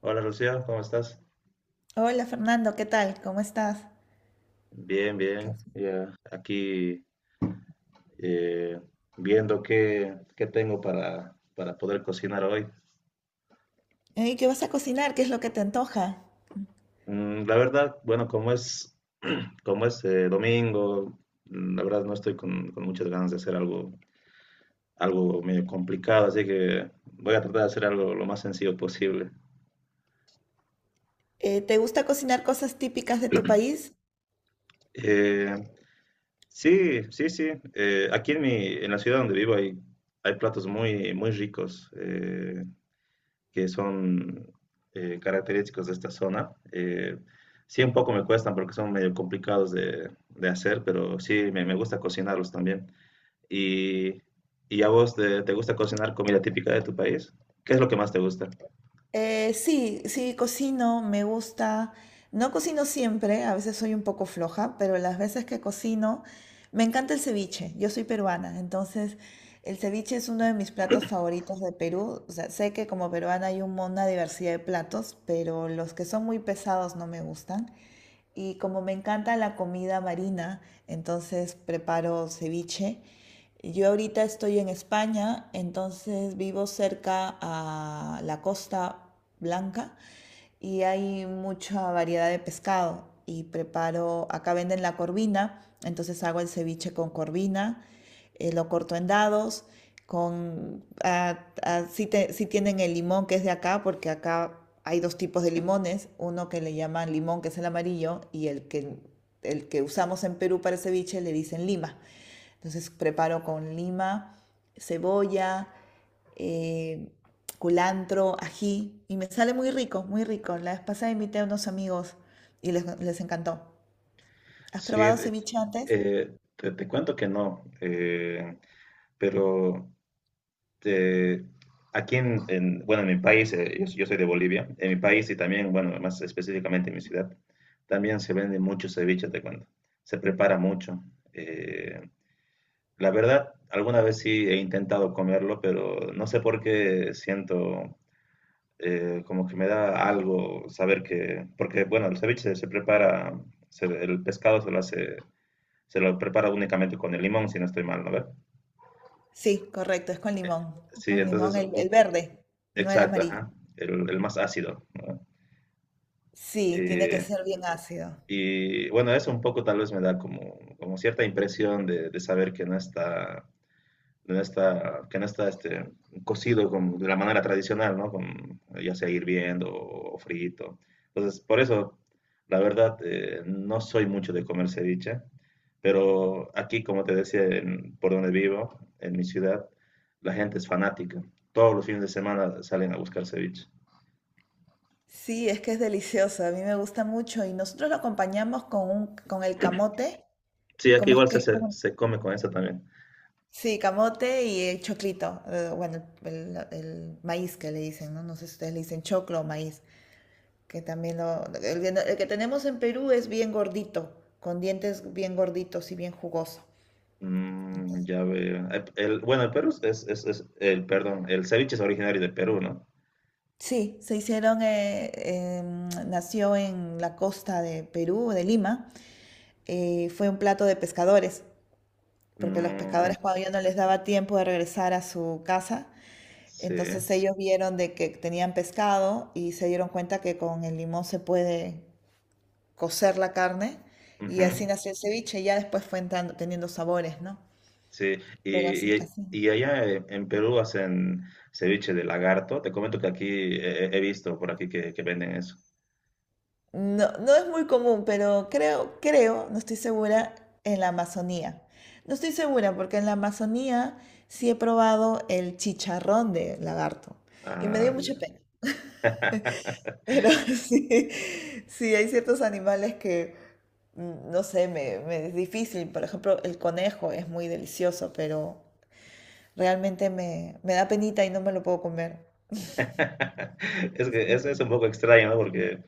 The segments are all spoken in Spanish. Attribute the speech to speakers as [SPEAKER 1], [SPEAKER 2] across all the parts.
[SPEAKER 1] Hola Lucía, ¿cómo estás?
[SPEAKER 2] Hola Fernando, ¿qué tal? ¿Cómo estás?
[SPEAKER 1] Bien,
[SPEAKER 2] ¿Qué
[SPEAKER 1] bien.
[SPEAKER 2] haces?
[SPEAKER 1] Ya aquí eh, viendo qué tengo para poder cocinar hoy.
[SPEAKER 2] Ey, ¿qué vas a cocinar? ¿Qué es lo que te antoja?
[SPEAKER 1] La verdad, bueno, como es domingo, la verdad no estoy con muchas ganas de hacer algo medio complicado, así que voy a tratar de hacer algo lo más sencillo posible.
[SPEAKER 2] ¿Te gusta cocinar cosas típicas de tu país?
[SPEAKER 1] Eh, sí, sí, sí. Aquí en la ciudad donde vivo hay platos muy, muy ricos. Que son característicos de esta zona. Sí, un poco me cuestan porque son medio complicados de hacer, pero sí, me gusta cocinarlos también. Y, ¿Y a vos te gusta cocinar comida típica de tu país? ¿Qué es lo que más te gusta?
[SPEAKER 2] Sí, sí, cocino, me gusta. No cocino siempre, a veces soy un poco floja, pero las veces que cocino, me encanta el ceviche. Yo soy peruana, entonces el ceviche es uno de mis platos favoritos de Perú. O sea, sé que como peruana hay una diversidad de platos, pero los que son muy pesados no me gustan. Y como me encanta la comida marina, entonces preparo ceviche. Yo ahorita estoy en España, entonces vivo cerca a la Costa Blanca y hay mucha variedad de pescado. Y preparo, acá venden la corvina, entonces hago el ceviche con corvina, lo corto en dados, sí, sí tienen el limón que es de acá, porque acá hay dos tipos de limones, uno que le llaman limón, que es el amarillo, y el que usamos en Perú para el ceviche le dicen lima. Entonces preparo con lima, cebolla, eh, culantro, ají, y me sale muy rico, muy rico. La vez pasada invité a unos amigos y les encantó. ¿Has
[SPEAKER 1] Sí,
[SPEAKER 2] probado ceviche antes?
[SPEAKER 1] te cuento que no, pero este, aquí bueno, en mi país, yo soy de Bolivia, en mi país y también, bueno, más específicamente en mi ciudad, también se vende mucho ceviche, te cuento. Se prepara mucho. Eh, la verdad, alguna vez sí he intentado comerlo, pero no sé por qué siento como que me da algo saber que, porque, bueno, el ceviche se prepara, el pescado se lo hace, se lo prepara únicamente con el limón, si no estoy mal, ¿no ve?
[SPEAKER 2] Sí, correcto, es con limón.
[SPEAKER 1] Sí,
[SPEAKER 2] Con
[SPEAKER 1] entonces,
[SPEAKER 2] limón, el verde, no el
[SPEAKER 1] exacto,
[SPEAKER 2] amarillo.
[SPEAKER 1] ajá, el más ácido, ¿no?
[SPEAKER 2] Sí, tiene que
[SPEAKER 1] Eh,
[SPEAKER 2] ser bien ácido.
[SPEAKER 1] y bueno, eso un poco tal vez me da como cierta impresión de saber que que no está cocido de la manera tradicional, ¿no? Con, ya sea hirviendo o frito. Entonces, por eso, la verdad, no soy mucho de comer ceviche, pero aquí, como te decía, por donde vivo, en mi ciudad, la gente es fanática. Todos los fines de semana salen a buscar ceviche.
[SPEAKER 2] Sí, es que es delicioso, a mí me gusta mucho y nosotros lo acompañamos con con el camote,
[SPEAKER 1] Sí, aquí
[SPEAKER 2] ¿cómo es
[SPEAKER 1] igual
[SPEAKER 2] que es?
[SPEAKER 1] se come con eso también.
[SPEAKER 2] Sí, camote y el choclito, bueno, el, el- maíz que le dicen, ¿no? No sé si ustedes le dicen choclo o maíz, que también lo, el que tenemos en Perú es bien gordito, con dientes bien gorditos y bien jugoso.
[SPEAKER 1] Mm, ya veo. Bueno, el Perú es- el, perdón, el ceviche es originario de Perú, ¿no?
[SPEAKER 2] Sí, se hicieron, nació en la costa de Perú, de Lima. Fue un plato de pescadores, porque los
[SPEAKER 1] Ujú,
[SPEAKER 2] pescadores cuando ya no les daba tiempo de regresar a su casa,
[SPEAKER 1] sí,
[SPEAKER 2] entonces ellos vieron de que tenían pescado y se dieron cuenta que con el limón se puede cocer la carne, y
[SPEAKER 1] ujú,
[SPEAKER 2] así nació el ceviche. Ya después teniendo sabores, ¿no?
[SPEAKER 1] sí.
[SPEAKER 2] Pero así,
[SPEAKER 1] Y, y-
[SPEAKER 2] así.
[SPEAKER 1] y allá en Perú hacen ceviche de lagarto. Te comento que aquí he visto por aquí que venden eso.
[SPEAKER 2] No, no es muy común, pero creo, no estoy segura, en la Amazonía. No estoy segura porque en la Amazonía sí he probado el chicharrón de lagarto y me dio
[SPEAKER 1] Ah,
[SPEAKER 2] mucha
[SPEAKER 1] ya.
[SPEAKER 2] pena. Pero sí, sí, hay ciertos animales que, no sé, me es difícil. Por ejemplo, el conejo es muy delicioso, pero realmente me da penita y no me lo puedo comer.
[SPEAKER 1] Es que eso
[SPEAKER 2] Sí.
[SPEAKER 1] es un poco extraño, ¿no? Porque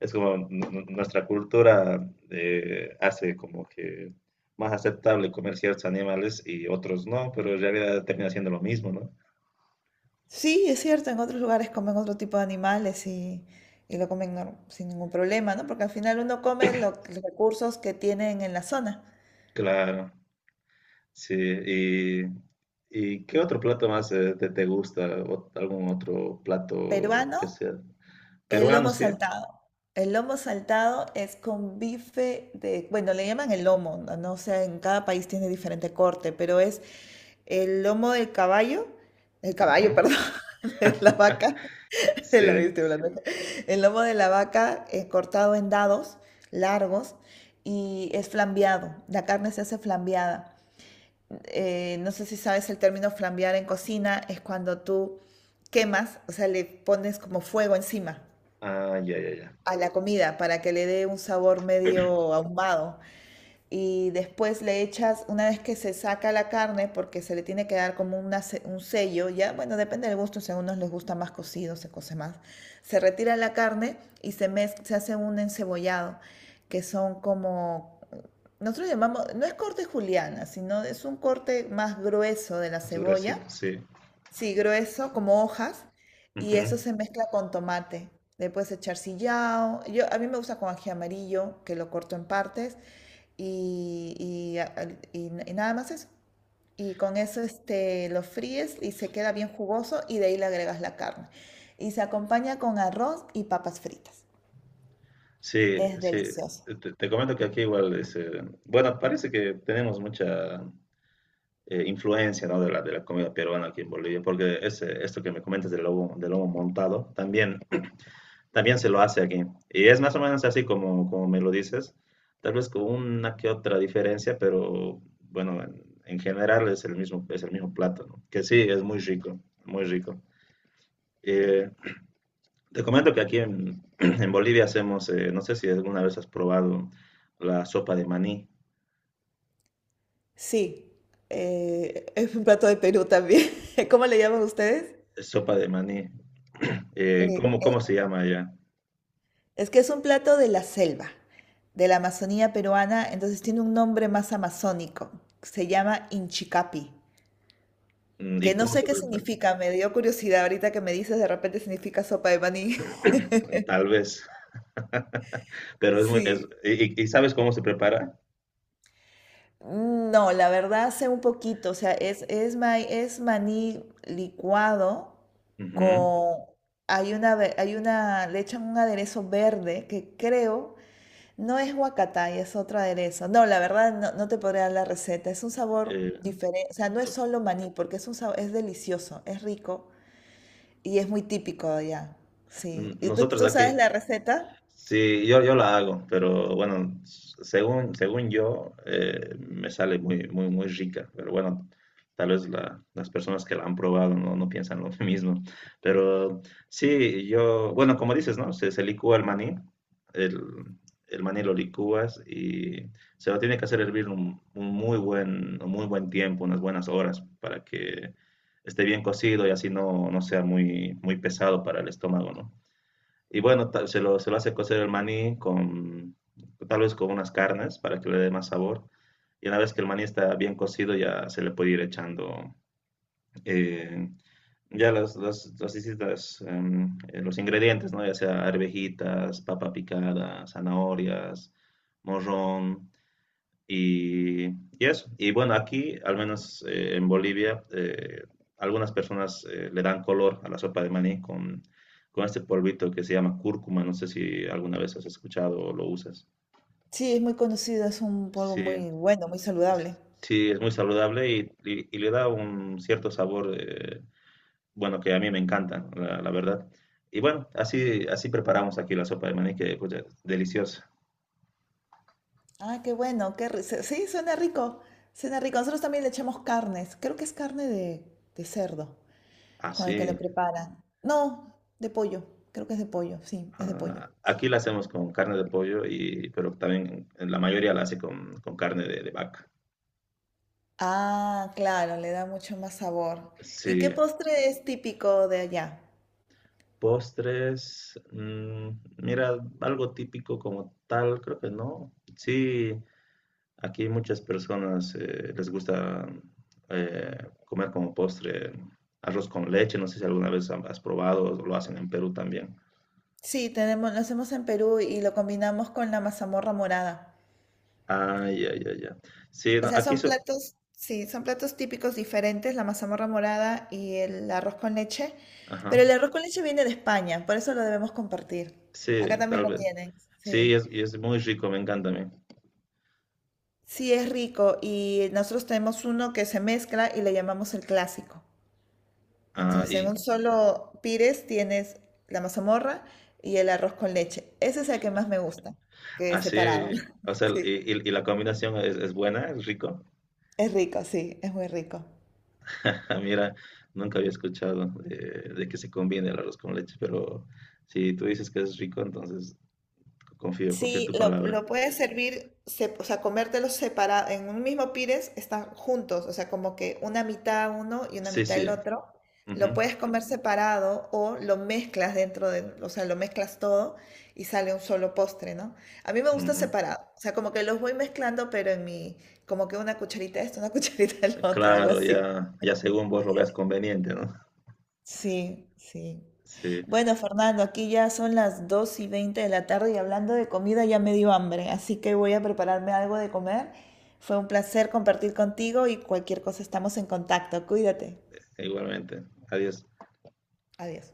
[SPEAKER 1] es como nuestra cultura hace como que más aceptable comer ciertos animales y otros no, pero en realidad termina siendo lo mismo, ¿no?
[SPEAKER 2] Sí, es cierto, en otros lugares comen otro tipo de animales y lo comen sin ningún problema, ¿no? Porque al final uno come los recursos que tienen en la zona.
[SPEAKER 1] Claro, sí. Y qué otro plato más te gusta? ¿O ¿Algún otro plato
[SPEAKER 2] Peruano,
[SPEAKER 1] que sea
[SPEAKER 2] el
[SPEAKER 1] peruano,
[SPEAKER 2] lomo
[SPEAKER 1] sí?
[SPEAKER 2] saltado. El lomo saltado es con bife de, bueno, le llaman el lomo, no. No sé, en cada país tiene diferente corte, pero es el lomo del caballo, el caballo,
[SPEAKER 1] Ujú.
[SPEAKER 2] perdón, de la vaca, El
[SPEAKER 1] Sí.
[SPEAKER 2] lomito de El lomo de la vaca es cortado en dados largos y es flambeado. La carne se hace flambeada. No sé si sabes el término flambear en cocina, es cuando tú quemas, o sea, le pones como fuego encima
[SPEAKER 1] Ah, ya, ya, ya.
[SPEAKER 2] a la comida para que le dé un sabor medio ahumado, y después le echas, una vez que se saca la carne, porque se le tiene que dar como una un sello, ya, bueno, depende del gusto, si a unos les gusta más cocido, se cose más, se retira la carne y se hace un encebollado, que son como, nosotros llamamos, no es corte juliana, sino es un corte más grueso de la
[SPEAKER 1] Más
[SPEAKER 2] cebolla.
[SPEAKER 1] gruesito, sí.
[SPEAKER 2] Sí, grueso, como hojas, y
[SPEAKER 1] Ujú.
[SPEAKER 2] eso se mezcla con tomate. Le puedes echar sillao. Yo, a mí me gusta con ají amarillo, que lo corto en partes, y, y nada más eso. Y con eso este, lo fríes y se queda bien jugoso, y de ahí le agregas la carne. Y se acompaña con arroz y papas fritas.
[SPEAKER 1] Sí,
[SPEAKER 2] Es
[SPEAKER 1] sí.
[SPEAKER 2] delicioso.
[SPEAKER 1] Te comento que aquí igual bueno, parece que tenemos mucha influencia, ¿no? De de la comida peruana aquí en Bolivia, porque esto que me comentas del del lobo montado, también se lo hace aquí. Y es más o menos así como me lo dices, tal vez con una que otra diferencia, pero bueno, en general es el mismo plato, ¿no? Que sí, es muy rico, muy rico. Eh, Te comento que aquí en, en Bolivia hacemos, no sé si alguna vez has probado la sopa de maní.
[SPEAKER 2] Sí, es un plato de Perú también. ¿Cómo le llaman ustedes?
[SPEAKER 1] Es sopa de maní. Cómo se llama allá?
[SPEAKER 2] Es que es un plato de la selva, de la Amazonía peruana, entonces tiene un nombre más amazónico. Se llama Inchicapi,
[SPEAKER 1] Mm, ¿y
[SPEAKER 2] que no
[SPEAKER 1] cómo
[SPEAKER 2] sé
[SPEAKER 1] se
[SPEAKER 2] qué
[SPEAKER 1] prepara?
[SPEAKER 2] significa, me dio curiosidad ahorita que me dices, de repente significa sopa de maní.
[SPEAKER 1] Tal vez.
[SPEAKER 2] Sí.
[SPEAKER 1] ¿Y sabes cómo se prepara?
[SPEAKER 2] No, la verdad sé un poquito, o sea, es maní licuado
[SPEAKER 1] Ujú.
[SPEAKER 2] con... hay una, le echan un aderezo verde que creo no es huacatay, es otra aderezo. No, la verdad no, no te podría dar la receta. Es un sabor
[SPEAKER 1] Eh,
[SPEAKER 2] diferente, o sea, no es solo maní, porque es un sabor, es delicioso, es rico y es muy típico de allá. Sí. ¿Y
[SPEAKER 1] Nosotros
[SPEAKER 2] tú sabes
[SPEAKER 1] aquí.
[SPEAKER 2] la receta?
[SPEAKER 1] Sí, yo la hago, pero bueno, según yo, me sale muy, muy, muy rica. Pero bueno, tal vez las personas que la han probado no piensan lo mismo. Pero sí, yo, bueno, como dices, ¿no? Se licúa el maní, el, el maní lo licúas y se lo tiene que hacer hervir un muy buen tiempo, unas buenas horas, para que esté bien cocido y así no sea muy, muy pesado para el estómago, ¿no? Y bueno, se lo hace cocer el maní tal vez con unas carnes para que le dé más sabor. Y una vez que el maní está bien cocido, ya se le puede ir echando eh, ya los ingredientes, ¿no? Ya sea arvejitas, papa picada, zanahorias, morrón. Y eso. Y bueno, aquí, al menos en Bolivia, algunas personas le dan color a la sopa de maní con este polvito que se llama cúrcuma. No sé si alguna vez has escuchado o lo usas.
[SPEAKER 2] Sí, es muy conocido, es un polvo
[SPEAKER 1] Sí,
[SPEAKER 2] muy bueno, muy saludable.
[SPEAKER 1] sí, es muy saludable y le da un cierto sabor, bueno, que a mí me encanta, la verdad. Y bueno, así preparamos aquí la sopa de maní, que pues, es deliciosa.
[SPEAKER 2] Ah, qué bueno, sí, suena rico, suena rico. Nosotros también le echamos carnes, creo que es carne de cerdo con el que le
[SPEAKER 1] Así.
[SPEAKER 2] preparan. No, de pollo, creo que es de pollo, sí, es de pollo.
[SPEAKER 1] Ah, aquí la hacemos con carne de pollo, pero también la mayoría la hace con carne de vaca.
[SPEAKER 2] Ah, claro, le da mucho más sabor. ¿Y qué
[SPEAKER 1] Sí,
[SPEAKER 2] postre es típico de allá?
[SPEAKER 1] postres, mira, algo típico como tal, creo que no. Sí, aquí muchas personas les gusta eh, comer como postre arroz con leche, no sé si alguna vez has probado, o lo hacen en Perú también.
[SPEAKER 2] Sí, tenemos, lo hacemos en Perú y lo combinamos con la mazamorra morada.
[SPEAKER 1] Ah, ya, ya, ya. Sí,
[SPEAKER 2] O
[SPEAKER 1] no,
[SPEAKER 2] sea,
[SPEAKER 1] aquí
[SPEAKER 2] son
[SPEAKER 1] so-
[SPEAKER 2] platos, sí, son platos típicos diferentes, la mazamorra morada y el arroz con leche. Pero
[SPEAKER 1] Ajá,
[SPEAKER 2] el arroz con leche viene de España, por eso lo debemos compartir.
[SPEAKER 1] sí,
[SPEAKER 2] Acá también
[SPEAKER 1] tal
[SPEAKER 2] lo
[SPEAKER 1] vez.
[SPEAKER 2] tienen,
[SPEAKER 1] Sí,
[SPEAKER 2] sí.
[SPEAKER 1] y es muy rico, me encanta a mí.
[SPEAKER 2] Sí, es rico y nosotros tenemos uno que se mezcla y le llamamos el clásico.
[SPEAKER 1] Ah,
[SPEAKER 2] Entonces,
[SPEAKER 1] y
[SPEAKER 2] en un solo pires tienes la mazamorra y el arroz con leche. Ese es el que más me gusta, que es separado.
[SPEAKER 1] así, o sea,
[SPEAKER 2] Sí,
[SPEAKER 1] y la combinación es buena, es rico.
[SPEAKER 2] es rico, sí, es muy rico.
[SPEAKER 1] Ah, mira, nunca había escuchado de que se combine el arroz con leche, pero si tú dices que es rico, entonces confío en
[SPEAKER 2] Sí,
[SPEAKER 1] tu palabra.
[SPEAKER 2] lo puedes servir, o sea, comértelos separados, en un mismo pires están juntos, o sea, como que una mitad uno y una
[SPEAKER 1] Sí,
[SPEAKER 2] mitad el
[SPEAKER 1] sí.
[SPEAKER 2] otro. Lo
[SPEAKER 1] Ujú,
[SPEAKER 2] puedes comer separado o lo mezclas dentro de, o sea, lo mezclas todo y sale un solo postre, ¿no? A mí me gusta
[SPEAKER 1] ujú.
[SPEAKER 2] separado, o sea, como que los voy mezclando, pero en mi, como que una cucharita de esto, una cucharita del otro, algo
[SPEAKER 1] Claro,
[SPEAKER 2] así.
[SPEAKER 1] ya, ya según vos lo veas conveniente, ¿no?
[SPEAKER 2] Sí, sí.
[SPEAKER 1] Sí,
[SPEAKER 2] Bueno, Fernando, aquí ya son las 2:20 de la tarde y hablando de comida ya me dio hambre, así que voy a prepararme algo de comer. Fue un placer compartir contigo y cualquier cosa estamos en contacto. Cuídate.
[SPEAKER 1] igualmente. Adiós.
[SPEAKER 2] Adiós.